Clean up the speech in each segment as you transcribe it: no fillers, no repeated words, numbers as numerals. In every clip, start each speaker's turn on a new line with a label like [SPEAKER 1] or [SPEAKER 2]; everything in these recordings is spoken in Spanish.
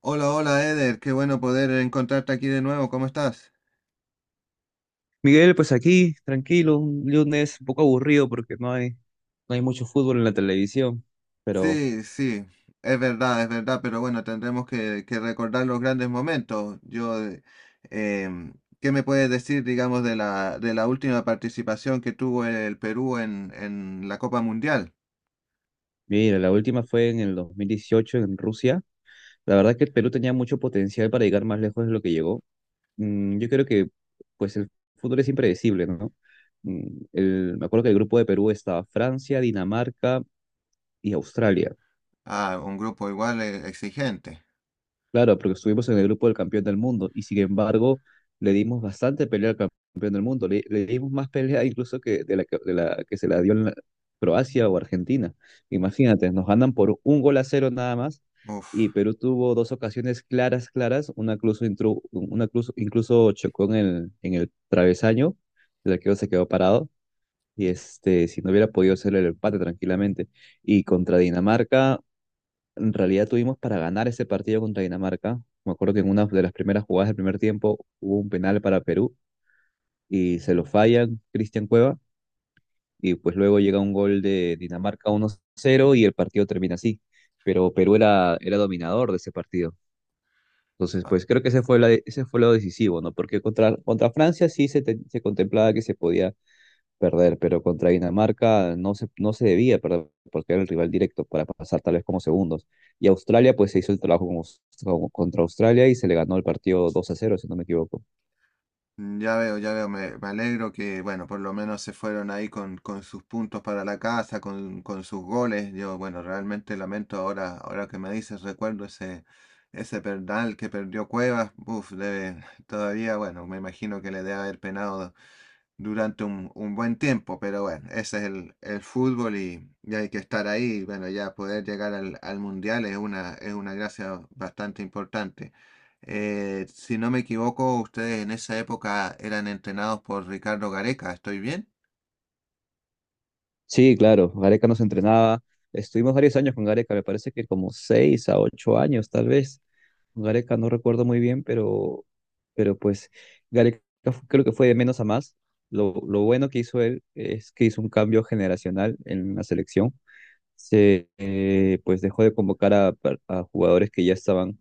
[SPEAKER 1] Hola, hola Eder, qué bueno poder encontrarte aquí de nuevo, ¿cómo estás?
[SPEAKER 2] Miguel, pues aquí, tranquilo, un lunes un poco aburrido porque no hay mucho fútbol en la televisión. Pero
[SPEAKER 1] Sí, sí, es verdad, pero bueno, tendremos que recordar los grandes momentos. Yo, em, ¿qué me puedes decir, digamos, de la última participación que tuvo el Perú en la Copa Mundial?
[SPEAKER 2] mira, la última fue en el 2018 en Rusia. La verdad que el Perú tenía mucho potencial para llegar más lejos de lo que llegó. Yo creo que pues el fútbol es impredecible, ¿no? Mm, Me acuerdo que el grupo de Perú estaba Francia, Dinamarca y Australia.
[SPEAKER 1] Ah, un grupo igual exigente.
[SPEAKER 2] Claro, porque estuvimos en el grupo del campeón del mundo y sin embargo le dimos bastante pelea al campeón del mundo. Le dimos más pelea incluso que de la que se la dio Croacia o Argentina. Imagínate, nos ganan por un gol a cero nada más
[SPEAKER 1] Uf.
[SPEAKER 2] y Perú tuvo dos ocasiones claras, claras. Una incluso chocó en el travesaño, el arquero se quedó parado y si no hubiera podido hacer el empate tranquilamente. Y contra Dinamarca en realidad tuvimos para ganar ese partido contra Dinamarca. Me acuerdo que en una de las primeras jugadas del primer tiempo hubo un penal para Perú y se lo fallan Cristian Cueva y pues luego llega un gol de Dinamarca 1-0 y el partido termina así. Pero Perú era dominador de ese partido. Entonces, pues creo que ese fue lo decisivo, ¿no? Porque contra Francia sí se contemplaba que se podía perder, pero contra Dinamarca no se debía perder porque era el rival directo para pasar tal vez como segundos. Y Australia pues se hizo el trabajo contra Australia y se le ganó el partido 2-0, si no me equivoco.
[SPEAKER 1] Mm, ya veo, ya veo, me alegro que, bueno, por lo menos se fueron ahí con sus puntos para la casa, con sus goles. Yo, bueno, realmente lamento ahora que me dices, recuerdo ese penal que perdió Cuevas. Uf, debe, todavía, bueno, me imagino que le debe haber penado durante un buen tiempo, pero bueno, ese es el fútbol y hay que estar ahí. Y bueno, ya poder llegar al mundial es una gracia bastante importante. Si no me equivoco, ustedes en esa época eran entrenados por Ricardo Gareca, ¿estoy bien?
[SPEAKER 2] Sí, claro, Gareca nos entrenaba, estuvimos varios años con Gareca, me parece que como 6 a 8 años tal vez. Gareca no recuerdo muy bien, pero pues Gareca creo que fue de menos a más. Lo bueno que hizo él es que hizo un cambio generacional en la selección, se pues dejó de convocar a jugadores que ya estaban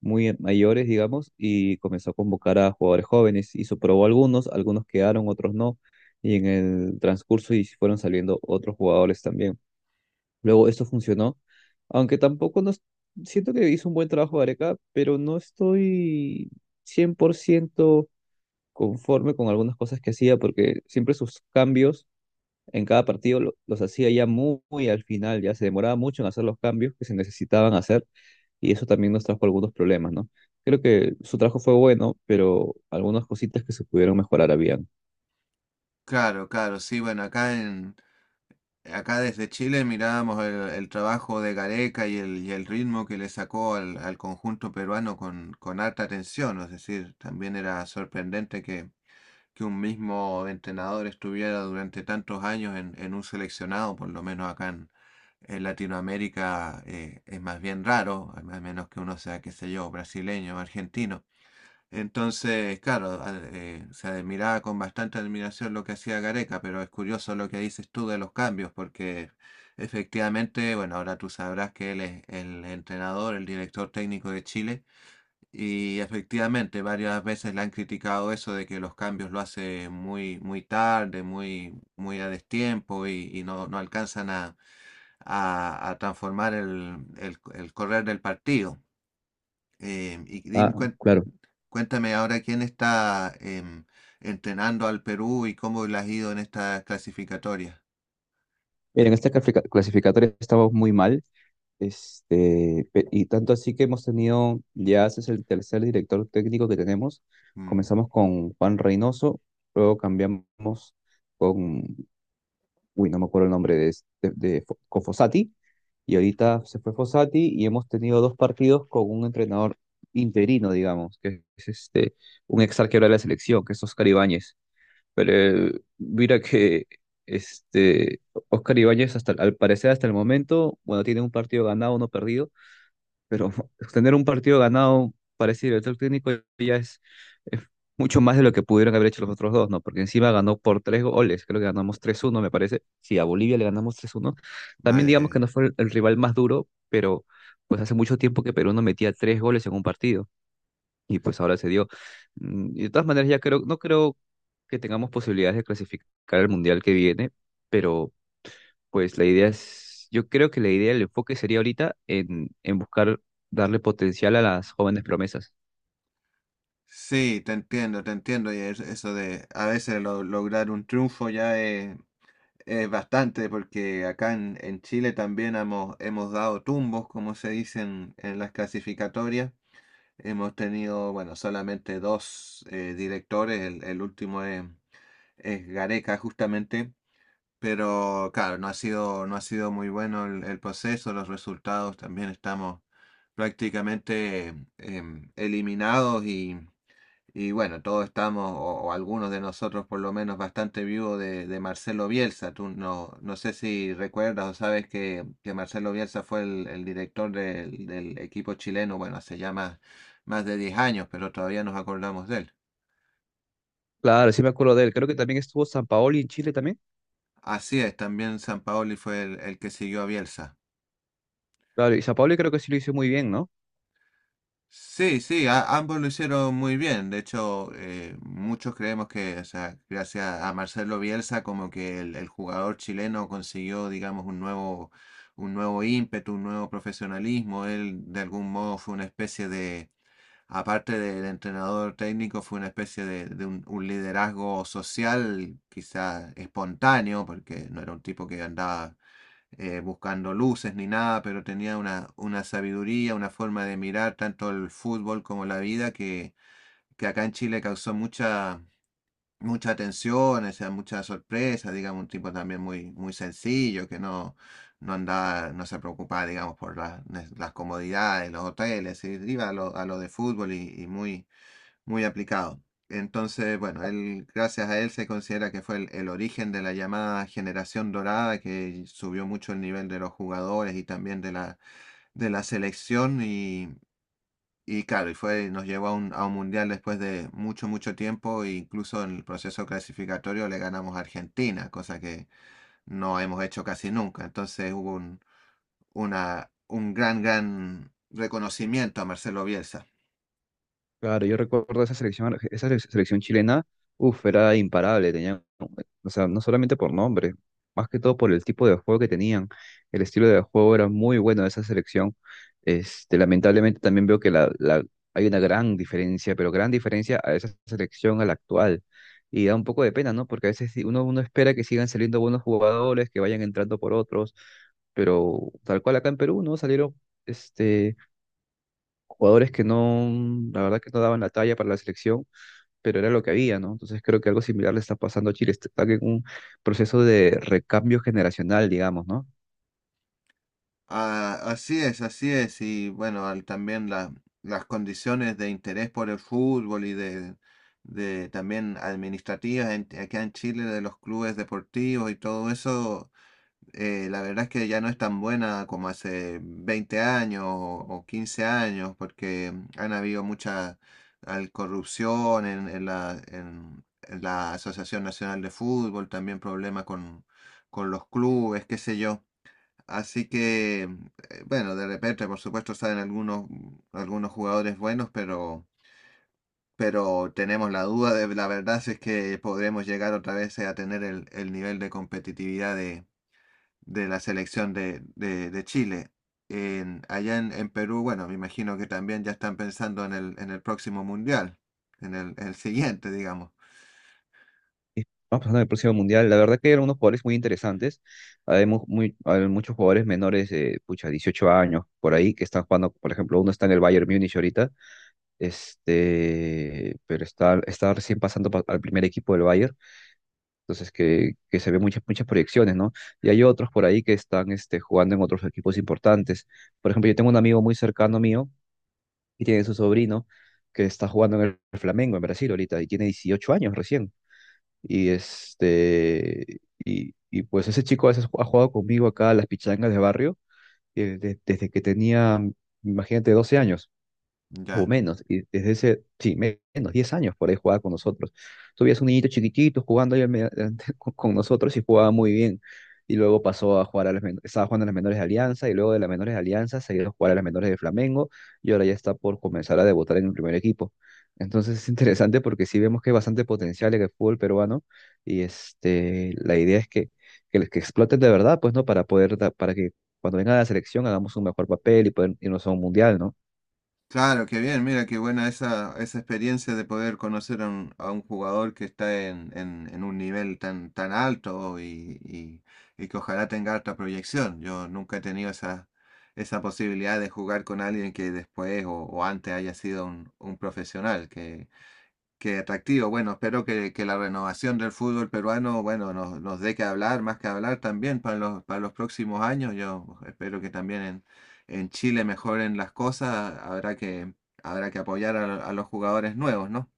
[SPEAKER 2] muy mayores, digamos, y comenzó a convocar a jugadores jóvenes y probó algunos, algunos quedaron, otros no, y en el transcurso y fueron saliendo otros jugadores también. Luego esto funcionó, aunque tampoco nos siento que hizo un buen trabajo Gareca, pero no estoy 100% conforme con algunas cosas que hacía porque siempre sus cambios en cada partido los hacía ya muy, muy al final, ya se demoraba mucho en hacer los cambios que se necesitaban hacer y eso también nos trajo algunos problemas, ¿no? Creo que su trabajo fue bueno, pero algunas cositas que se pudieron mejorar habían.
[SPEAKER 1] Claro, claro, sí, bueno, acá desde Chile mirábamos el trabajo de Gareca y el ritmo que le sacó al conjunto peruano con alta atención, es decir, también era sorprendente que un mismo entrenador estuviera durante tantos años en un seleccionado, por lo menos en Latinoamérica es más bien raro, al al menos que uno sea, qué sé yo, brasileño, argentino. Entonces, claro, se admiraba con bastante admiración lo que hacía Gareca, pero es curioso lo que dices tú de los cambios, porque efectivamente, bueno, ahora tú sabrás que él es el entrenador, el director técnico de Chile y efectivamente, varias veces le han criticado eso de que los cambios lo hace muy, muy tarde, muy, muy a destiempo y, no alcanzan a transformar el correr del partido. Y
[SPEAKER 2] Ah,
[SPEAKER 1] dime,
[SPEAKER 2] claro.
[SPEAKER 1] cuéntame ahora quién está entrenando al Perú y cómo le ha ido en esta clasificatoria.
[SPEAKER 2] Mira, en esta clasificatoria estamos muy mal, y tanto así que hemos tenido, ya ese es el tercer director técnico que tenemos.
[SPEAKER 1] Mm,
[SPEAKER 2] Comenzamos con Juan Reynoso, luego cambiamos con no me acuerdo el nombre de, es- de Fo- con Fossati, y ahorita se fue Fossati y hemos tenido dos partidos con un entrenador interino, digamos, que es un ex arquero de la selección, que es Oscar Ibáñez. Pero mira que este, Oscar Ibáñez, hasta, al parecer hasta el momento, bueno, tiene un partido ganado, uno perdido, pero tener un partido ganado parecido el director técnico ya es mucho más de lo que pudieron haber hecho los otros dos, ¿no? Porque encima ganó por 3 goles, creo que ganamos 3-1 me parece. Sí, a Bolivia le ganamos 3-1. También
[SPEAKER 1] vaya qué
[SPEAKER 2] digamos que
[SPEAKER 1] bien.
[SPEAKER 2] no fue el rival más duro, pero pues hace mucho tiempo que Perú no metía 3 goles en un partido y pues ahora se dio. Y de todas maneras ya creo, no creo que tengamos posibilidades de clasificar al Mundial que viene, pero pues la idea es, yo creo que la idea, el enfoque sería ahorita en buscar darle potencial a las jóvenes promesas.
[SPEAKER 1] Sí, te entiendo, te entiendo. Y eso de a veces lograr un triunfo ya es bastante, porque en Chile también hemos, hemos dado tumbos, como se dicen en las clasificatorias. Hemos tenido, bueno, solamente dos directores, el último es Gareca justamente, pero claro, no ha sido, no ha sido muy bueno el proceso, los resultados también estamos prácticamente eliminados y... Y bueno, todos estamos, o algunos de nosotros por lo menos, bastante vivos de Marcelo Bielsa. Tú no, no sé si recuerdas o sabes que Marcelo Bielsa fue el director del equipo chileno, bueno, hace ya más de 10 años, pero todavía nos acordamos de él.
[SPEAKER 2] Claro, sí me acuerdo de él. Creo que también estuvo San Paoli en Chile también.
[SPEAKER 1] Así es, también Sampaoli fue el que siguió a Bielsa.
[SPEAKER 2] Claro, y San Paoli creo que sí lo hizo muy bien, ¿no?
[SPEAKER 1] Sí, sí, ambos lo hicieron muy bien. De hecho, muchos creemos que, o sea, gracias a Marcelo Bielsa, como que el jugador chileno consiguió, digamos, un nuevo ímpetu, un nuevo profesionalismo. Él, de algún modo, fue una especie de, aparte del entrenador técnico, fue una especie de un liderazgo social, quizás espontáneo, porque no era un tipo que andaba buscando luces ni nada, pero tenía una sabiduría, una forma de mirar tanto el fútbol como la vida que acá en Chile causó mucha, mucha atención, o sea, mucha sorpresa, digamos, un tipo también muy, muy sencillo, que no, no andaba, no se preocupaba, digamos, por las comodidades, los hoteles, y iba a a lo de fútbol y muy, muy aplicado. Entonces, bueno, él, gracias a él se considera que fue el origen de la llamada generación dorada, que subió mucho el nivel de los jugadores y también de la selección. Y claro, y fue, nos llevó a un mundial después de mucho, mucho tiempo. E incluso en el proceso clasificatorio le ganamos a Argentina, cosa que no hemos hecho casi nunca. Entonces hubo un gran, gran reconocimiento a Marcelo Bielsa.
[SPEAKER 2] Claro, yo recuerdo esa selección, selección chilena, uff, era imparable, tenían, o sea, no solamente por nombre, más que todo por el tipo de juego que tenían, el estilo de juego era muy bueno de esa selección, lamentablemente también veo que hay una gran diferencia, pero gran diferencia a esa selección a la actual, y da un poco de pena, ¿no? Porque a veces sí, uno espera que sigan saliendo buenos jugadores, que vayan entrando por otros, pero tal cual acá en Perú, ¿no? Salieron, este jugadores que no, la verdad que no daban la talla para la selección, pero era lo que había, ¿no? Entonces creo que algo similar le está pasando a Chile, está en un proceso de recambio generacional, digamos, ¿no?
[SPEAKER 1] Ah, así es, así es. Y bueno, las condiciones de interés por el fútbol y de también administrativas acá en Chile de los clubes deportivos y todo eso, la verdad es que ya no es tan buena como hace 20 años o 15 años, porque han habido mucha corrupción en, en la Asociación Nacional de Fútbol, también problemas con los clubes, qué sé yo. Así que, bueno, de repente, por supuesto, saben algunos, mm, algunos jugadores buenos, pero tenemos la duda de la verdad si es que podremos llegar otra vez a tener el nivel de competitividad de, la selección de Chile. Allá en Perú, bueno, me imagino que también ya están pensando en el próximo mundial, en el siguiente, digamos.
[SPEAKER 2] Y Vamos pasando al próximo mundial. La verdad que eran unos jugadores muy interesantes. Hay muchos jugadores menores de, pucha, 18 años por ahí que están jugando. Por ejemplo, uno está en el Bayern Múnich ahorita, pero está recién pasando al primer equipo del Bayern. Entonces, que se ve muchas, muchas proyecciones, ¿no? Y hay otros por ahí que están jugando en otros equipos importantes. Por ejemplo, yo tengo un amigo muy cercano mío y tiene su sobrino que está jugando en el Flamengo, en Brasil ahorita, y tiene 18 años recién. Y, este, y pues ese chico a veces ha jugado conmigo acá a las pichangas de barrio desde que tenía, imagínate, 12 años o
[SPEAKER 1] Ya.
[SPEAKER 2] menos, y desde ese, sí, menos, 10 años por ahí jugaba con nosotros. Tú veías un niñito chiquitito jugando ahí con nosotros y jugaba muy bien. Y luego pasó a jugar estaba jugando a las menores de Alianza y luego de las menores de Alianza se ha ido a jugar a las menores de Flamengo y ahora ya está por comenzar a debutar en el primer equipo. Entonces es interesante porque sí vemos que hay bastante potencial en el fútbol peruano y la idea es que los que exploten de verdad, pues, ¿no? Para poder, para que cuando venga a la selección hagamos un mejor papel y poder irnos a un mundial, ¿no?
[SPEAKER 1] Claro, qué bien, mira, qué buena esa, esa experiencia de poder conocer a un jugador que está en un nivel tan, tan alto y, y que ojalá tenga alta proyección. Yo nunca he tenido esa posibilidad de jugar con alguien que después o antes haya sido un profesional. Qué atractivo. Bueno, espero que la renovación del fútbol peruano, bueno, nos, nos dé que hablar, más que hablar también para los próximos años. Yo espero que también en Chile mejoren las cosas. Habrá que apoyar a los jugadores nuevos, ¿no?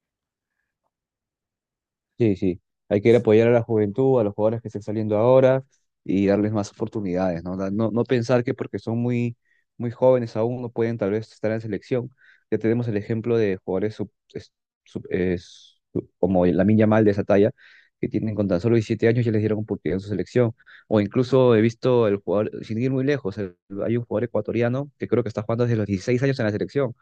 [SPEAKER 2] Sí, sí. Hay que ir a apoyar a la juventud, a los jugadores que estén saliendo ahora y darles más oportunidades, ¿no? No, no pensar que porque son muy, muy jóvenes aún no pueden tal vez estar en selección. Ya tenemos el ejemplo de jugadores como Lamine Yamal de esa talla, que tienen con tan solo 17 años ya les dieron oportunidad en su selección. O incluso he visto el jugador, sin ir muy lejos, hay un jugador ecuatoriano que creo que está jugando desde los 16 años en la selección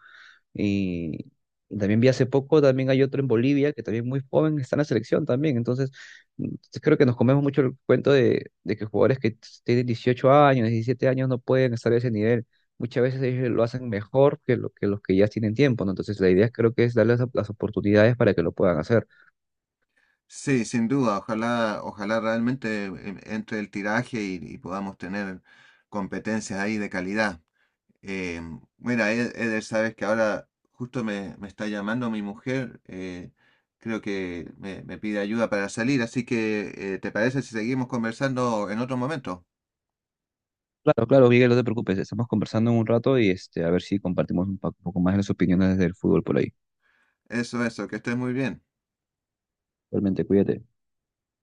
[SPEAKER 2] y, también vi hace poco, también hay otro en Bolivia que también muy joven está en la selección también. Entonces, mm, creo que nos comemos mucho el cuento de que jugadores que tienen 18 años, 17 años no pueden estar a ese nivel. Muchas veces ellos lo hacen mejor que, lo, que los que ya tienen tiempo, ¿no? Entonces, la idea creo que es darles las oportunidades para que lo puedan hacer.
[SPEAKER 1] Sí, sin duda. Ojalá, ojalá realmente entre el tiraje y podamos tener competencias ahí de calidad. Eh, Mira, Eder, sabes que ahora justo me, me está llamando mi mujer, creo que me pide ayuda para salir, así que ¿te parece si seguimos conversando en otro momento?
[SPEAKER 2] Claro, claro, Miguel, no te preocupes, estamos conversando en un rato y a ver si compartimos un poco más las opiniones del fútbol por ahí.
[SPEAKER 1] Eso, que estés muy bien.
[SPEAKER 2] Realmente, cuídate.